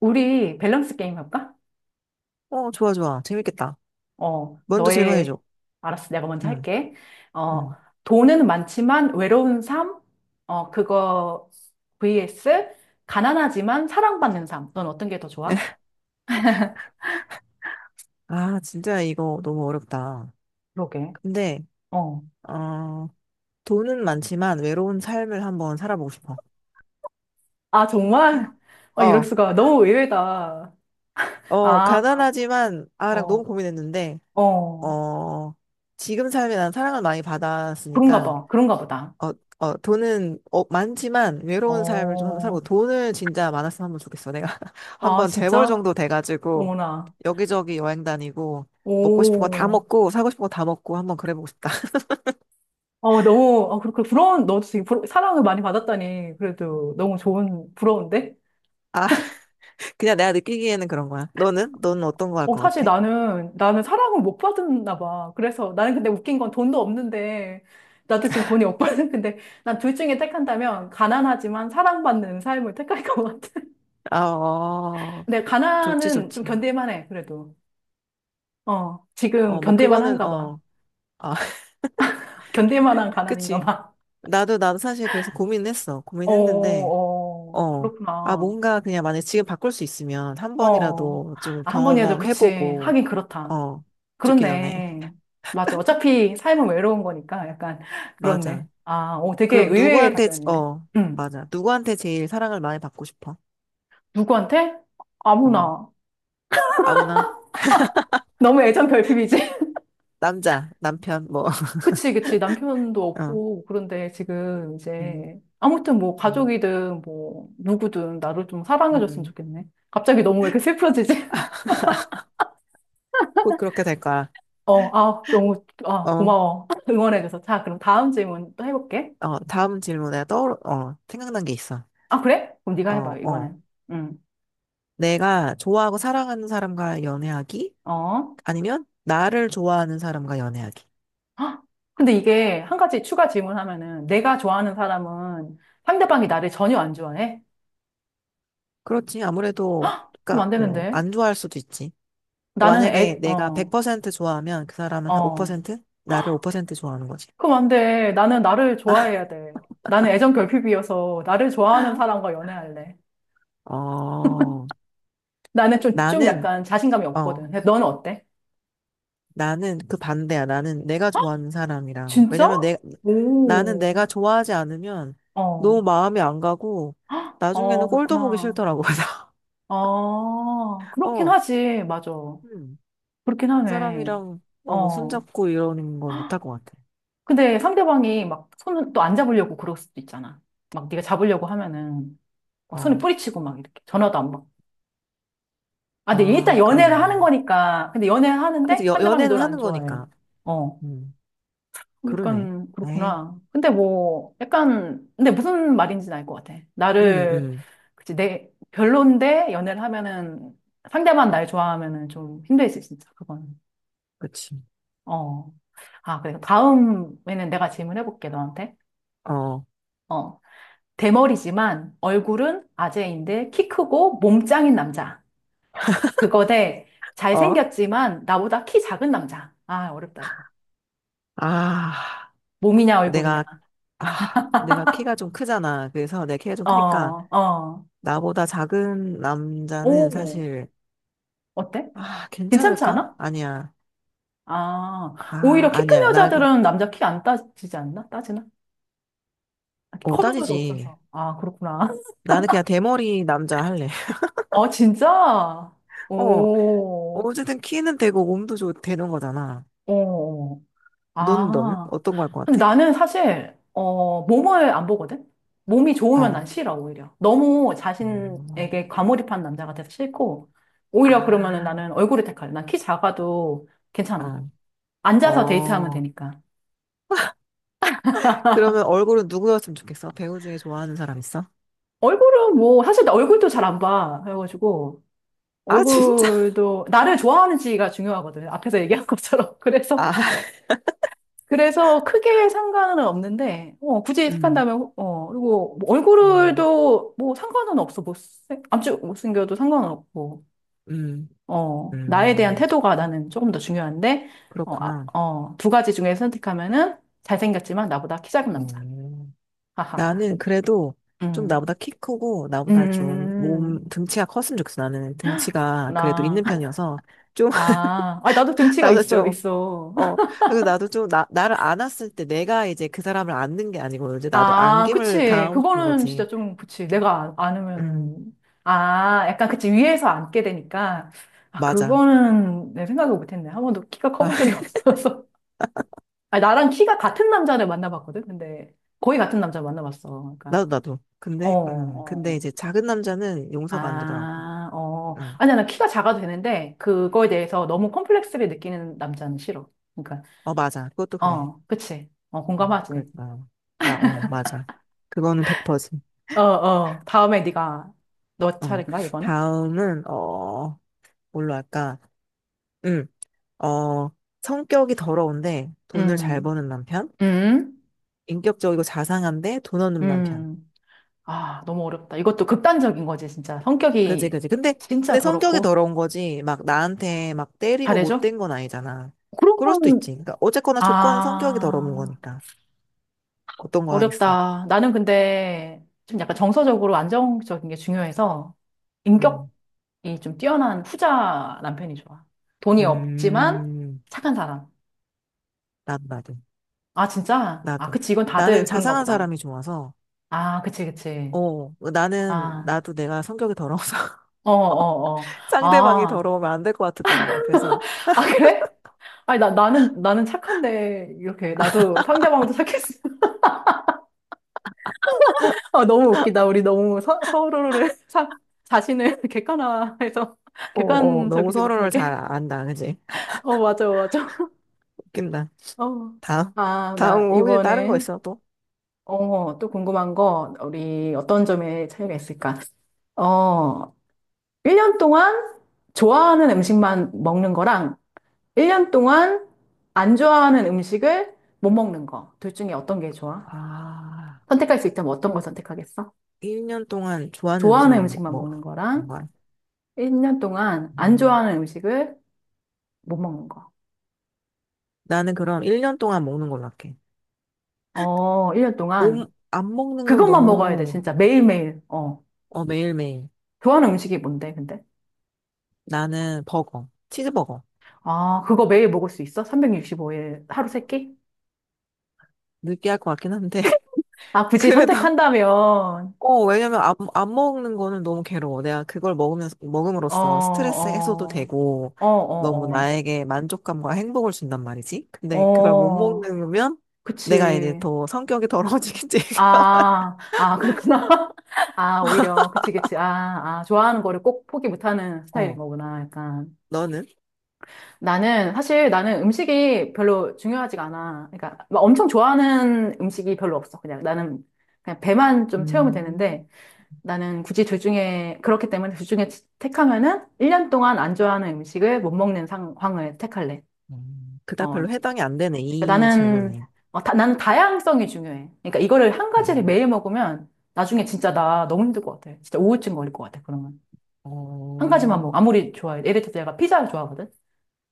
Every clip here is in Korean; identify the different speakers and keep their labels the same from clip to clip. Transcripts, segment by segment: Speaker 1: 우리 밸런스 게임 할까?
Speaker 2: 어, 좋아, 좋아. 재밌겠다.
Speaker 1: 어,
Speaker 2: 먼저
Speaker 1: 너의,
Speaker 2: 질문해줘.
Speaker 1: 알았어, 내가 먼저
Speaker 2: 응,
Speaker 1: 할게. 어,
Speaker 2: 응.
Speaker 1: 돈은 많지만 외로운 삶? 어, 그거, vs, 가난하지만 사랑받는 삶. 넌 어떤 게 더 좋아?
Speaker 2: 아, 진짜 이거 너무 어렵다.
Speaker 1: 그러게.
Speaker 2: 근데,
Speaker 1: 어.
Speaker 2: 어, 돈은 많지만 외로운 삶을 한번 살아보고 싶어.
Speaker 1: 아, 정말? 어, 이럴
Speaker 2: 어.
Speaker 1: 수가. 너무 의외다. 아,
Speaker 2: 가난하지만, 아랑
Speaker 1: 어,
Speaker 2: 너무 고민했는데,
Speaker 1: 어.
Speaker 2: 어, 지금 삶에 난 사랑을 많이
Speaker 1: 그런가
Speaker 2: 받았으니까,
Speaker 1: 봐. 그런가 보다.
Speaker 2: 어, 돈은, 많지만 외로운 삶을 좀 한번
Speaker 1: 어.
Speaker 2: 살고, 돈을 진짜 많았으면 한번 좋겠어. 내가
Speaker 1: 아,
Speaker 2: 한번 재벌
Speaker 1: 진짜?
Speaker 2: 정도 돼가지고,
Speaker 1: 어머나.
Speaker 2: 여기저기 여행 다니고 먹고 싶은 거 다
Speaker 1: 오.
Speaker 2: 먹고 사고 싶은 거 다 먹고 한번 그래보고 싶다.
Speaker 1: 어, 너무, 어, 그렇게 부러운, 너도 되게 사랑을 많이 받았다니. 그래도 너무 부러운데?
Speaker 2: 아, 그냥 내가 느끼기에는 그런 거야. 너는? 너는 어떤 거 할
Speaker 1: 어,
Speaker 2: 것
Speaker 1: 사실
Speaker 2: 같아?
Speaker 1: 나는 사랑을 못 받았나 봐. 그래서 나는 근데 웃긴 건 돈도 없는데, 나도 지금 돈이 없거든. 근데 난 둘 중에 택한다면, 가난하지만 사랑받는 삶을 택할 것 같아.
Speaker 2: 아, 어,
Speaker 1: 근데
Speaker 2: 좋지,
Speaker 1: 가난은 좀
Speaker 2: 좋지.
Speaker 1: 견딜만 해, 그래도. 어, 지금
Speaker 2: 뭐
Speaker 1: 견딜만
Speaker 2: 그거는
Speaker 1: 한가 봐.
Speaker 2: 아,
Speaker 1: 견딜만한 가난인가
Speaker 2: 그치.
Speaker 1: 봐.
Speaker 2: 나도 나도 사실 그래서 고민했어.
Speaker 1: 어,
Speaker 2: 고민했는데,
Speaker 1: 어,
Speaker 2: 어, 아,
Speaker 1: 그렇구나.
Speaker 2: 뭔가 그냥 만약 지금 바꿀 수 있으면 한
Speaker 1: 어,
Speaker 2: 번이라도 좀
Speaker 1: 아, 한 번이라도, 그치.
Speaker 2: 경험해보고,
Speaker 1: 하긴 그렇다.
Speaker 2: 어, 죽기 전에.
Speaker 1: 그렇네. 맞아. 어차피 삶은 외로운 거니까 약간 그렇네.
Speaker 2: 맞아.
Speaker 1: 아, 오, 되게
Speaker 2: 그럼
Speaker 1: 의외의
Speaker 2: 누구한테,
Speaker 1: 답변이네. 음.
Speaker 2: 맞아. 누구한테 제일 사랑을 많이 받고 싶어?
Speaker 1: 누구한테?
Speaker 2: 어,
Speaker 1: 아무나.
Speaker 2: 아무나.
Speaker 1: 너무 애정 결핍이지?
Speaker 2: 남자, 남편, 뭐.
Speaker 1: 그치, 그치. 남편도
Speaker 2: 어.
Speaker 1: 없고, 그런데 지금
Speaker 2: 음.
Speaker 1: 이제 아무튼 뭐
Speaker 2: 음.
Speaker 1: 가족이든 뭐 누구든 나를 좀 사랑해줬으면
Speaker 2: 음.
Speaker 1: 좋겠네. 갑자기 너무 왜 이렇게 슬퍼지지?
Speaker 2: 곧 그렇게 될 거야.
Speaker 1: 어, 아, 너무, 아,
Speaker 2: 어.
Speaker 1: 고마워. 응원해줘서. 자, 그럼 다음 질문 또 해볼게.
Speaker 2: 다음 질문에 생각난 게 있어.
Speaker 1: 아, 그래? 그럼 네가
Speaker 2: 어,
Speaker 1: 해봐,
Speaker 2: 어,
Speaker 1: 이번엔. 응.
Speaker 2: 내가 좋아하고 사랑하는 사람과 연애하기?
Speaker 1: 어.
Speaker 2: 아니면 나를 좋아하는 사람과 연애하기?
Speaker 1: 헉! 근데 이게 한 가지 추가 질문하면은 내가 좋아하는 사람은 상대방이 나를 전혀 안 좋아해?
Speaker 2: 그렇지, 아무래도,
Speaker 1: 그럼
Speaker 2: 그니까,
Speaker 1: 안 되는데.
Speaker 2: 안 좋아할 수도 있지. 그러니까
Speaker 1: 나는
Speaker 2: 만약에 내가 100% 좋아하면 그 사람은 한
Speaker 1: 어.
Speaker 2: 5%? 나를 5% 좋아하는 거지.
Speaker 1: 그럼 안 돼. 나는 나를 좋아해야 돼. 나는 애정 결핍이어서 나를 좋아하는 사람과 연애할래.
Speaker 2: 어,
Speaker 1: 나는 좀, 좀
Speaker 2: 나는,
Speaker 1: 약간 자신감이 없거든.
Speaker 2: 어,
Speaker 1: 근데 너는 어때?
Speaker 2: 나는 그 반대야. 나는 내가 좋아하는 사람이랑.
Speaker 1: 진짜?
Speaker 2: 왜냐면 나는
Speaker 1: 오,
Speaker 2: 내가 좋아하지 않으면
Speaker 1: 어,
Speaker 2: 너무 마음이 안 가고 나중에는
Speaker 1: 어,
Speaker 2: 꼴도 보기
Speaker 1: 그렇구나.
Speaker 2: 싫더라고. 그래서,
Speaker 1: 어, 그렇긴
Speaker 2: 어,
Speaker 1: 하지. 맞아.
Speaker 2: 음,
Speaker 1: 그렇긴
Speaker 2: 그
Speaker 1: 하네.
Speaker 2: 사람이랑 뭐
Speaker 1: 어.
Speaker 2: 손잡고 이러는 건 못 할 것 같아.
Speaker 1: 근데 상대방이 막 손을 또 안 잡으려고 그럴 수도 있잖아. 막 네가 잡으려고 하면은 막 손을
Speaker 2: 아,
Speaker 1: 뿌리치고 막 이렇게 전화도 안 받고. 아, 근데 일단
Speaker 2: 아,
Speaker 1: 연애를
Speaker 2: 그러네.
Speaker 1: 하는 거니까. 근데 연애를
Speaker 2: 그치,
Speaker 1: 하는데 상대방이
Speaker 2: 연애는
Speaker 1: 널 안
Speaker 2: 하는
Speaker 1: 좋아해.
Speaker 2: 거니까.
Speaker 1: 어.
Speaker 2: 음, 그러네.
Speaker 1: 약간
Speaker 2: 에이.
Speaker 1: 그렇구나. 근데 뭐 약간 근데 무슨 말인지는 알 것 같아.
Speaker 2: 음.
Speaker 1: 나를
Speaker 2: 음.
Speaker 1: 그치 내 별론데 연애를 하면은 상대만 날 좋아하면은 좀 힘들지 진짜 그거는.
Speaker 2: 그치.
Speaker 1: 어. 아, 그래. 다음에는 내가 질문해 볼게 너한테.
Speaker 2: 어.
Speaker 1: 어. 대머리지만 얼굴은 아재인데 키 크고 몸 짱인 남자. 그거 대
Speaker 2: 어?
Speaker 1: 잘생겼지만 나보다 키 작은 남자. 아, 어렵다, 이거.
Speaker 2: 아,
Speaker 1: 몸이냐, 얼굴이냐.
Speaker 2: 내가, 내가 키가 좀 크잖아. 그래서 내 키가 좀
Speaker 1: 어,
Speaker 2: 크니까.
Speaker 1: 어.
Speaker 2: 나보다 작은 남자는
Speaker 1: 오,
Speaker 2: 사실,
Speaker 1: 어때?
Speaker 2: 아,
Speaker 1: 괜찮지
Speaker 2: 괜찮을까?
Speaker 1: 않아?
Speaker 2: 아니야.
Speaker 1: 아, 오히려
Speaker 2: 아,
Speaker 1: 키 큰
Speaker 2: 아니야. 나,
Speaker 1: 여자들은 남자 키 안 따지지 않나? 따지나? 아,
Speaker 2: 어,
Speaker 1: 커본 적도
Speaker 2: 따지지.
Speaker 1: 없어서. 아, 그렇구나.
Speaker 2: 나는 그냥 대머리 남자 할래.
Speaker 1: 어, 진짜?
Speaker 2: 어,
Speaker 1: 오,
Speaker 2: 어쨌든 키는 되고 몸도 되는 거잖아.
Speaker 1: 오.
Speaker 2: 너는?
Speaker 1: 아.
Speaker 2: 어떤 거 할 것
Speaker 1: 근데
Speaker 2: 같아?
Speaker 1: 나는 사실, 어, 몸을 안 보거든? 몸이 좋으면
Speaker 2: 어.
Speaker 1: 난 싫어, 오히려. 너무
Speaker 2: 음.
Speaker 1: 자신에게 과몰입한 남자가 돼서 싫고, 오히려 그러면은
Speaker 2: 아,
Speaker 1: 나는 얼굴을 택할래. 난 키 작아도 괜찮아.
Speaker 2: 어,
Speaker 1: 앉아서 데이트하면
Speaker 2: 어.
Speaker 1: 되니까.
Speaker 2: 그러면 얼굴은 누구였으면 좋겠어? 배우 중에 좋아하는 사람 있어?
Speaker 1: 얼굴은 뭐, 사실 나 얼굴도 잘 안 봐. 그래가지고,
Speaker 2: 아, 진짜?
Speaker 1: 얼굴도, 나를 좋아하는지가 중요하거든. 앞에서 얘기한 것처럼. 그래서
Speaker 2: 아.
Speaker 1: 그래서 크게 상관은 없는데, 어, 굳이
Speaker 2: 음.
Speaker 1: 택한다면, 어, 그리고 뭐
Speaker 2: 음.
Speaker 1: 얼굴도 뭐 상관은 없어. 아주 못생겨도 상관은 없고,
Speaker 2: 음.
Speaker 1: 어, 나에 대한
Speaker 2: 음.
Speaker 1: 태도가 나는 조금 더 중요한데, 어, 아,
Speaker 2: 그렇구나.
Speaker 1: 어, 두 가지 중에 선택하면은 잘생겼지만 나보다 키 작은 남자.
Speaker 2: 어.
Speaker 1: 하하하.
Speaker 2: 나는 그래도 좀
Speaker 1: 음,
Speaker 2: 나보다 키 크고
Speaker 1: 음, 음,
Speaker 2: 나보다 좀
Speaker 1: 음,
Speaker 2: 몸
Speaker 1: 음.
Speaker 2: 등치가 컸으면 좋겠어. 나는 등치가 그래도
Speaker 1: 구나.
Speaker 2: 있는 편이어서 좀,
Speaker 1: 아, 아, 나도 등치가
Speaker 2: 나보다
Speaker 1: 있어,
Speaker 2: 좀.
Speaker 1: 있어.
Speaker 2: 어. 그래서 나도 좀 나를 안았을 때 내가 이제 그 사람을 안는 게 아니고 이제 나도
Speaker 1: 아,
Speaker 2: 안김을
Speaker 1: 그치.
Speaker 2: 당하고 싶은
Speaker 1: 그거는 진짜
Speaker 2: 거지.
Speaker 1: 좀, 그치. 내가 안,
Speaker 2: 음,
Speaker 1: 안으면은. 아, 약간 그치. 위에서 앉게 되니까. 아,
Speaker 2: 맞아.
Speaker 1: 그거는 내 생각을 못했네. 한 번도 키가
Speaker 2: 아.
Speaker 1: 커본 적이 없어서. 아, 나랑 키가 같은 남자를 만나봤거든? 근데 거의 같은 남자 만나봤어. 그러니까.
Speaker 2: 나도 나도.
Speaker 1: 어,
Speaker 2: 근데
Speaker 1: 어.
Speaker 2: 이제 작은 남자는 용서가 안 되더라고.
Speaker 1: 아, 어.
Speaker 2: 음.
Speaker 1: 아니야, 나 키가 작아도 되는데, 그거에 대해서 너무 콤플렉스를 느끼는 남자는 싫어. 그러니까,
Speaker 2: 어, 맞아. 그것도 그래.
Speaker 1: 어, 그치. 어,
Speaker 2: 그래.
Speaker 1: 공감하지.
Speaker 2: 맞아. 그거는 100%.
Speaker 1: 어, 어. 다음에 네가 너
Speaker 2: 어.
Speaker 1: 차례인가, 이번에?
Speaker 2: 다음은 뭘로 할까? 응. 어, 성격이 더러운데 돈을 잘
Speaker 1: 음.
Speaker 2: 버는 남편?
Speaker 1: 음,
Speaker 2: 인격적이고 자상한데 돈 없는 남편.
Speaker 1: 음. 아, 너무 어렵다. 이것도 극단적인 거지, 진짜.
Speaker 2: 그지,
Speaker 1: 성격이
Speaker 2: 그지. 근데,
Speaker 1: 진짜
Speaker 2: 성격이
Speaker 1: 더럽고.
Speaker 2: 더러운 거지. 막 나한테 막 때리고
Speaker 1: 잘해줘?
Speaker 2: 못된 건 아니잖아.
Speaker 1: 그런
Speaker 2: 그럴 수도 있지.
Speaker 1: 건,
Speaker 2: 그러니까 어쨌거나 조건이 성격이 더러운
Speaker 1: 아,
Speaker 2: 거니까. 어떤 거 하겠어?
Speaker 1: 어렵다. 나는 근데 좀 약간 정서적으로 안정적인 게 중요해서
Speaker 2: 음.
Speaker 1: 인격이 좀 뛰어난 후자 남편이 좋아. 돈이 없지만
Speaker 2: 음.
Speaker 1: 착한 사람.
Speaker 2: 나도, 나도,
Speaker 1: 아, 진짜? 아,
Speaker 2: 나도.
Speaker 1: 그치. 이건
Speaker 2: 나는
Speaker 1: 다들 그런가
Speaker 2: 자상한
Speaker 1: 보다.
Speaker 2: 사람이 좋아서,
Speaker 1: 아, 그치, 그치.
Speaker 2: 나는,
Speaker 1: 아,
Speaker 2: 나도 내가 성격이 더러워서
Speaker 1: 어, 어, 어.
Speaker 2: 상대방이
Speaker 1: 아,
Speaker 2: 더러우면 안 될 것 같은 거야. 그래서,
Speaker 1: 아, 그래? 아니, 나는 착한데, 이렇게, 나도 상대방도 착했어. 아, 너무 웃기다. 우리 너무 서로를, 자신을 객관화해서,
Speaker 2: 너무
Speaker 1: 객관적이지
Speaker 2: 서로를 잘
Speaker 1: 못하게.
Speaker 2: 안다, 그지?
Speaker 1: 어, 맞아, 맞아.
Speaker 2: 웃긴다.
Speaker 1: 어.
Speaker 2: 다음.
Speaker 1: 아, 나,
Speaker 2: 다음 거 혹시 다른 거
Speaker 1: 이번에,
Speaker 2: 있어, 또?
Speaker 1: 어, 또 궁금한 거, 우리 어떤 점에 차이가 있을까? 어, 1년 동안 좋아하는 음식만 먹는 거랑, 1년 동안 안 좋아하는 음식을 못 먹는 거. 둘 중에 어떤 게 좋아?
Speaker 2: 아.
Speaker 1: 선택할 수 있다면 어떤 걸
Speaker 2: 음.
Speaker 1: 선택하겠어?
Speaker 2: 1년 동안 좋아하는
Speaker 1: 좋아하는
Speaker 2: 음식만
Speaker 1: 음식만 먹는 거랑
Speaker 2: 거야.
Speaker 1: 1년 동안 안
Speaker 2: 음,
Speaker 1: 좋아하는 음식을 못 먹는 거.
Speaker 2: 나는 그럼 1년 동안 먹는 걸로 할게.
Speaker 1: 어, 1년 동안
Speaker 2: 안 먹는 건
Speaker 1: 그것만 먹어야 돼,
Speaker 2: 너무.
Speaker 1: 진짜. 매일매일. 어.
Speaker 2: 어, 매일매일.
Speaker 1: 좋아하는 음식이 뭔데, 근데?
Speaker 2: 나는 버거. 치즈버거.
Speaker 1: 아, 그거 매일 먹을 수 있어? 365일 하루 세 끼?
Speaker 2: 느끼할 것 같긴 한데,
Speaker 1: 아, 굳이
Speaker 2: 그래도
Speaker 1: 선택한다면,
Speaker 2: 왜냐면 안 먹는 거는 너무 괴로워. 내가 그걸 먹으면서,
Speaker 1: 어,
Speaker 2: 먹음으로써 스트레스 해소도
Speaker 1: 어,
Speaker 2: 되고,
Speaker 1: 어,
Speaker 2: 너무
Speaker 1: 어,
Speaker 2: 나에게 만족감과 행복을 준단 말이지.
Speaker 1: 어,
Speaker 2: 근데 그걸 못
Speaker 1: 어,
Speaker 2: 먹으면 내가 이제
Speaker 1: 그치.
Speaker 2: 더 성격이 더러워지겠지.
Speaker 1: 아, 아, 그렇구나. 아, 오히려, 그치, 그치. 아, 아, 좋아하는 거를 꼭 포기 못하는 스타일인
Speaker 2: 어,
Speaker 1: 거구나, 약간.
Speaker 2: 너는?
Speaker 1: 나는 사실 나는 음식이 별로 중요하지가 않아. 그러니까 막 엄청 좋아하는 음식이 별로 없어. 그냥 나는 그냥 배만 좀 채우면
Speaker 2: 음,
Speaker 1: 되는데 나는 굳이 둘 중에 그렇기 때문에 둘 중에 택하면은 1년 동안 안 좋아하는 음식을 못 먹는 상황을 택할래.
Speaker 2: 그닥
Speaker 1: 어.
Speaker 2: 별로 해당이 안 되네,
Speaker 1: 그러니까
Speaker 2: 이
Speaker 1: 나는
Speaker 2: 질문에.
Speaker 1: 어, 다, 나는 다양성이 중요해. 그러니까 이거를 한 가지를
Speaker 2: 음,
Speaker 1: 매일 먹으면 나중에 진짜 나 너무 힘들 것 같아. 진짜 우울증 걸릴 것 같아. 그러면 한 가지만
Speaker 2: 어,
Speaker 1: 먹어. 아무리 좋아해. 예를 들어서 내가 피자를 좋아하거든.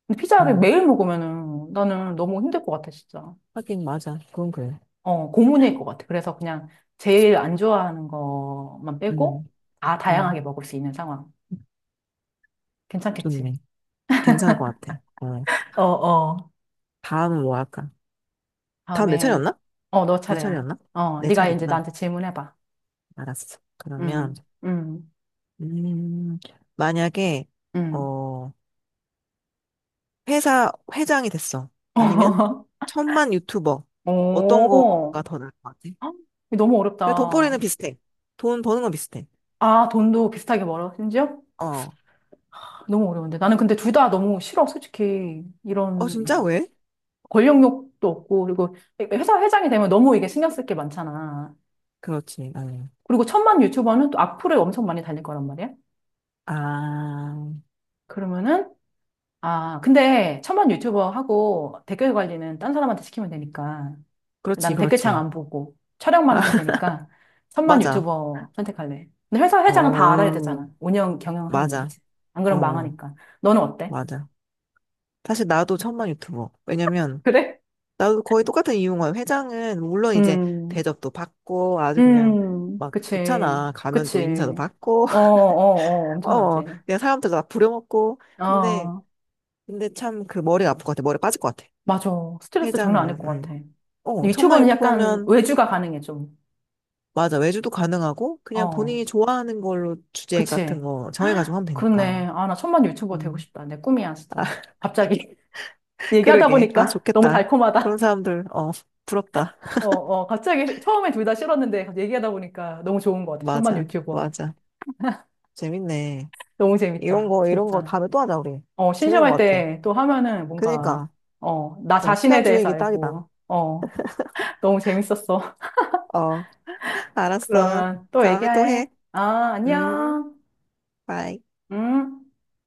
Speaker 1: 근데 피자를
Speaker 2: 음,
Speaker 1: 매일 먹으면은 나는 너무 힘들 것 같아, 진짜.
Speaker 2: 하긴 맞아. 그건 그래.
Speaker 1: 어, 고문일 것 같아. 그래서 그냥 제일 안 좋아하는 것만 빼고
Speaker 2: 음,
Speaker 1: 다 다양하게
Speaker 2: 음,
Speaker 1: 먹을 수 있는 상황. 괜찮겠지?
Speaker 2: 좋네. 괜찮을 것 같아. 어,
Speaker 1: 어, 어.
Speaker 2: 다음은 뭐 할까? 다음 내
Speaker 1: 다음에,
Speaker 2: 차례였나?
Speaker 1: 어, 너
Speaker 2: 네
Speaker 1: 차례야.
Speaker 2: 차례였나?
Speaker 1: 어,
Speaker 2: 내
Speaker 1: 네가 이제
Speaker 2: 차례구나.
Speaker 1: 나한테 질문해봐.
Speaker 2: 알았어. 그러면,
Speaker 1: 음, 음,
Speaker 2: 음, 만약에,
Speaker 1: 음.
Speaker 2: 어, 회사 회장이 됐어. 아니면, 천만 유튜버. 어떤
Speaker 1: 오,
Speaker 2: 거가 더 나을 것 같아?
Speaker 1: 헉, 너무
Speaker 2: 그래, 돈벌이는
Speaker 1: 어렵다.
Speaker 2: 비슷해. 돈 버는 건 비슷해.
Speaker 1: 아, 돈도 비슷하게 벌어, 심지어?
Speaker 2: 어.
Speaker 1: 너무 어려운데. 나는 근데 둘 다 너무 싫어, 솔직히.
Speaker 2: 어, 진짜?
Speaker 1: 이런
Speaker 2: 왜?
Speaker 1: 권력욕도 없고, 그리고 회사 회장이 되면 너무 이게 신경 쓸 게 많잖아.
Speaker 2: 그렇지. 아니.
Speaker 1: 그리고 천만 유튜버는 또 악플을 엄청 많이 달릴 거란 말이야.
Speaker 2: 아,
Speaker 1: 그러면은, 아, 근데 천만 유튜버하고 댓글 관리는 딴 사람한테 시키면 되니까.
Speaker 2: 그렇지,
Speaker 1: 난 댓글창
Speaker 2: 그렇지.
Speaker 1: 안 보고 촬영만 하면 되니까 천만
Speaker 2: 맞아.
Speaker 1: 유튜버 선택할래. 근데 회사 회장은 다 알아야
Speaker 2: 어,
Speaker 1: 되잖아. 운영, 경영하려면,
Speaker 2: 맞아.
Speaker 1: 그치? 안 그러면
Speaker 2: 어,
Speaker 1: 망하니까. 너는 어때?
Speaker 2: 맞아. 사실 나도 천만 유튜버. 왜냐면,
Speaker 1: 그래?
Speaker 2: 나도 거의 똑같은 이유인 거야. 회장은 물론 이제
Speaker 1: 음,
Speaker 2: 대접도 받고 아주 그냥 막
Speaker 1: 그치,
Speaker 2: 좋잖아. 가면
Speaker 1: 그치.
Speaker 2: 또 인사도 받고,
Speaker 1: 어, 어, 어, 엄청나지.
Speaker 2: 그냥 사람들 다 부려먹고. 근데,
Speaker 1: 아,
Speaker 2: 근데 참 그 머리가 아플 것 같아. 머리 빠질 것 같아.
Speaker 1: 맞아. 스트레스 장난 아닐
Speaker 2: 회장이면.
Speaker 1: 것 같아.
Speaker 2: 천만
Speaker 1: 유튜버는 약간
Speaker 2: 유튜버면
Speaker 1: 외주가 가능해, 좀.
Speaker 2: 맞아, 외주도 가능하고 그냥
Speaker 1: 어,
Speaker 2: 본인이 좋아하는 걸로 주제 같은
Speaker 1: 그치.
Speaker 2: 거 정해가지고 하면 되니까.
Speaker 1: 그렇네. 아, 나 천만 유튜버 되고
Speaker 2: 음
Speaker 1: 싶다. 내 꿈이야, 진짜. 갑자기. 얘기하다
Speaker 2: 그러게. 아,
Speaker 1: 보니까 너무
Speaker 2: 좋겠다. 그런
Speaker 1: 달콤하다.
Speaker 2: 사람들, 부럽다.
Speaker 1: 어, 어, 갑자기 처음에 둘 다 싫었는데 갑자기 얘기하다 보니까 너무 좋은 것 같아. 천만
Speaker 2: 맞아,
Speaker 1: 유튜버.
Speaker 2: 맞아. 재밌네.
Speaker 1: 너무
Speaker 2: 이런
Speaker 1: 재밌다.
Speaker 2: 거 이런 거
Speaker 1: 진짜.
Speaker 2: 다음에 또 하자, 우리.
Speaker 1: 어,
Speaker 2: 재밌는
Speaker 1: 심심할
Speaker 2: 것 같아.
Speaker 1: 때 또 하면은 뭔가,
Speaker 2: 그니까,
Speaker 1: 어, 나 자신에
Speaker 2: 시간
Speaker 1: 대해서
Speaker 2: 주익이 딱이다.
Speaker 1: 알고, 어, 너무 재밌었어.
Speaker 2: 어, 알았어.
Speaker 1: 그러면 또
Speaker 2: 다음에 또 해.
Speaker 1: 얘기해. 아,
Speaker 2: 음,
Speaker 1: 안녕.
Speaker 2: 바이.
Speaker 1: 음.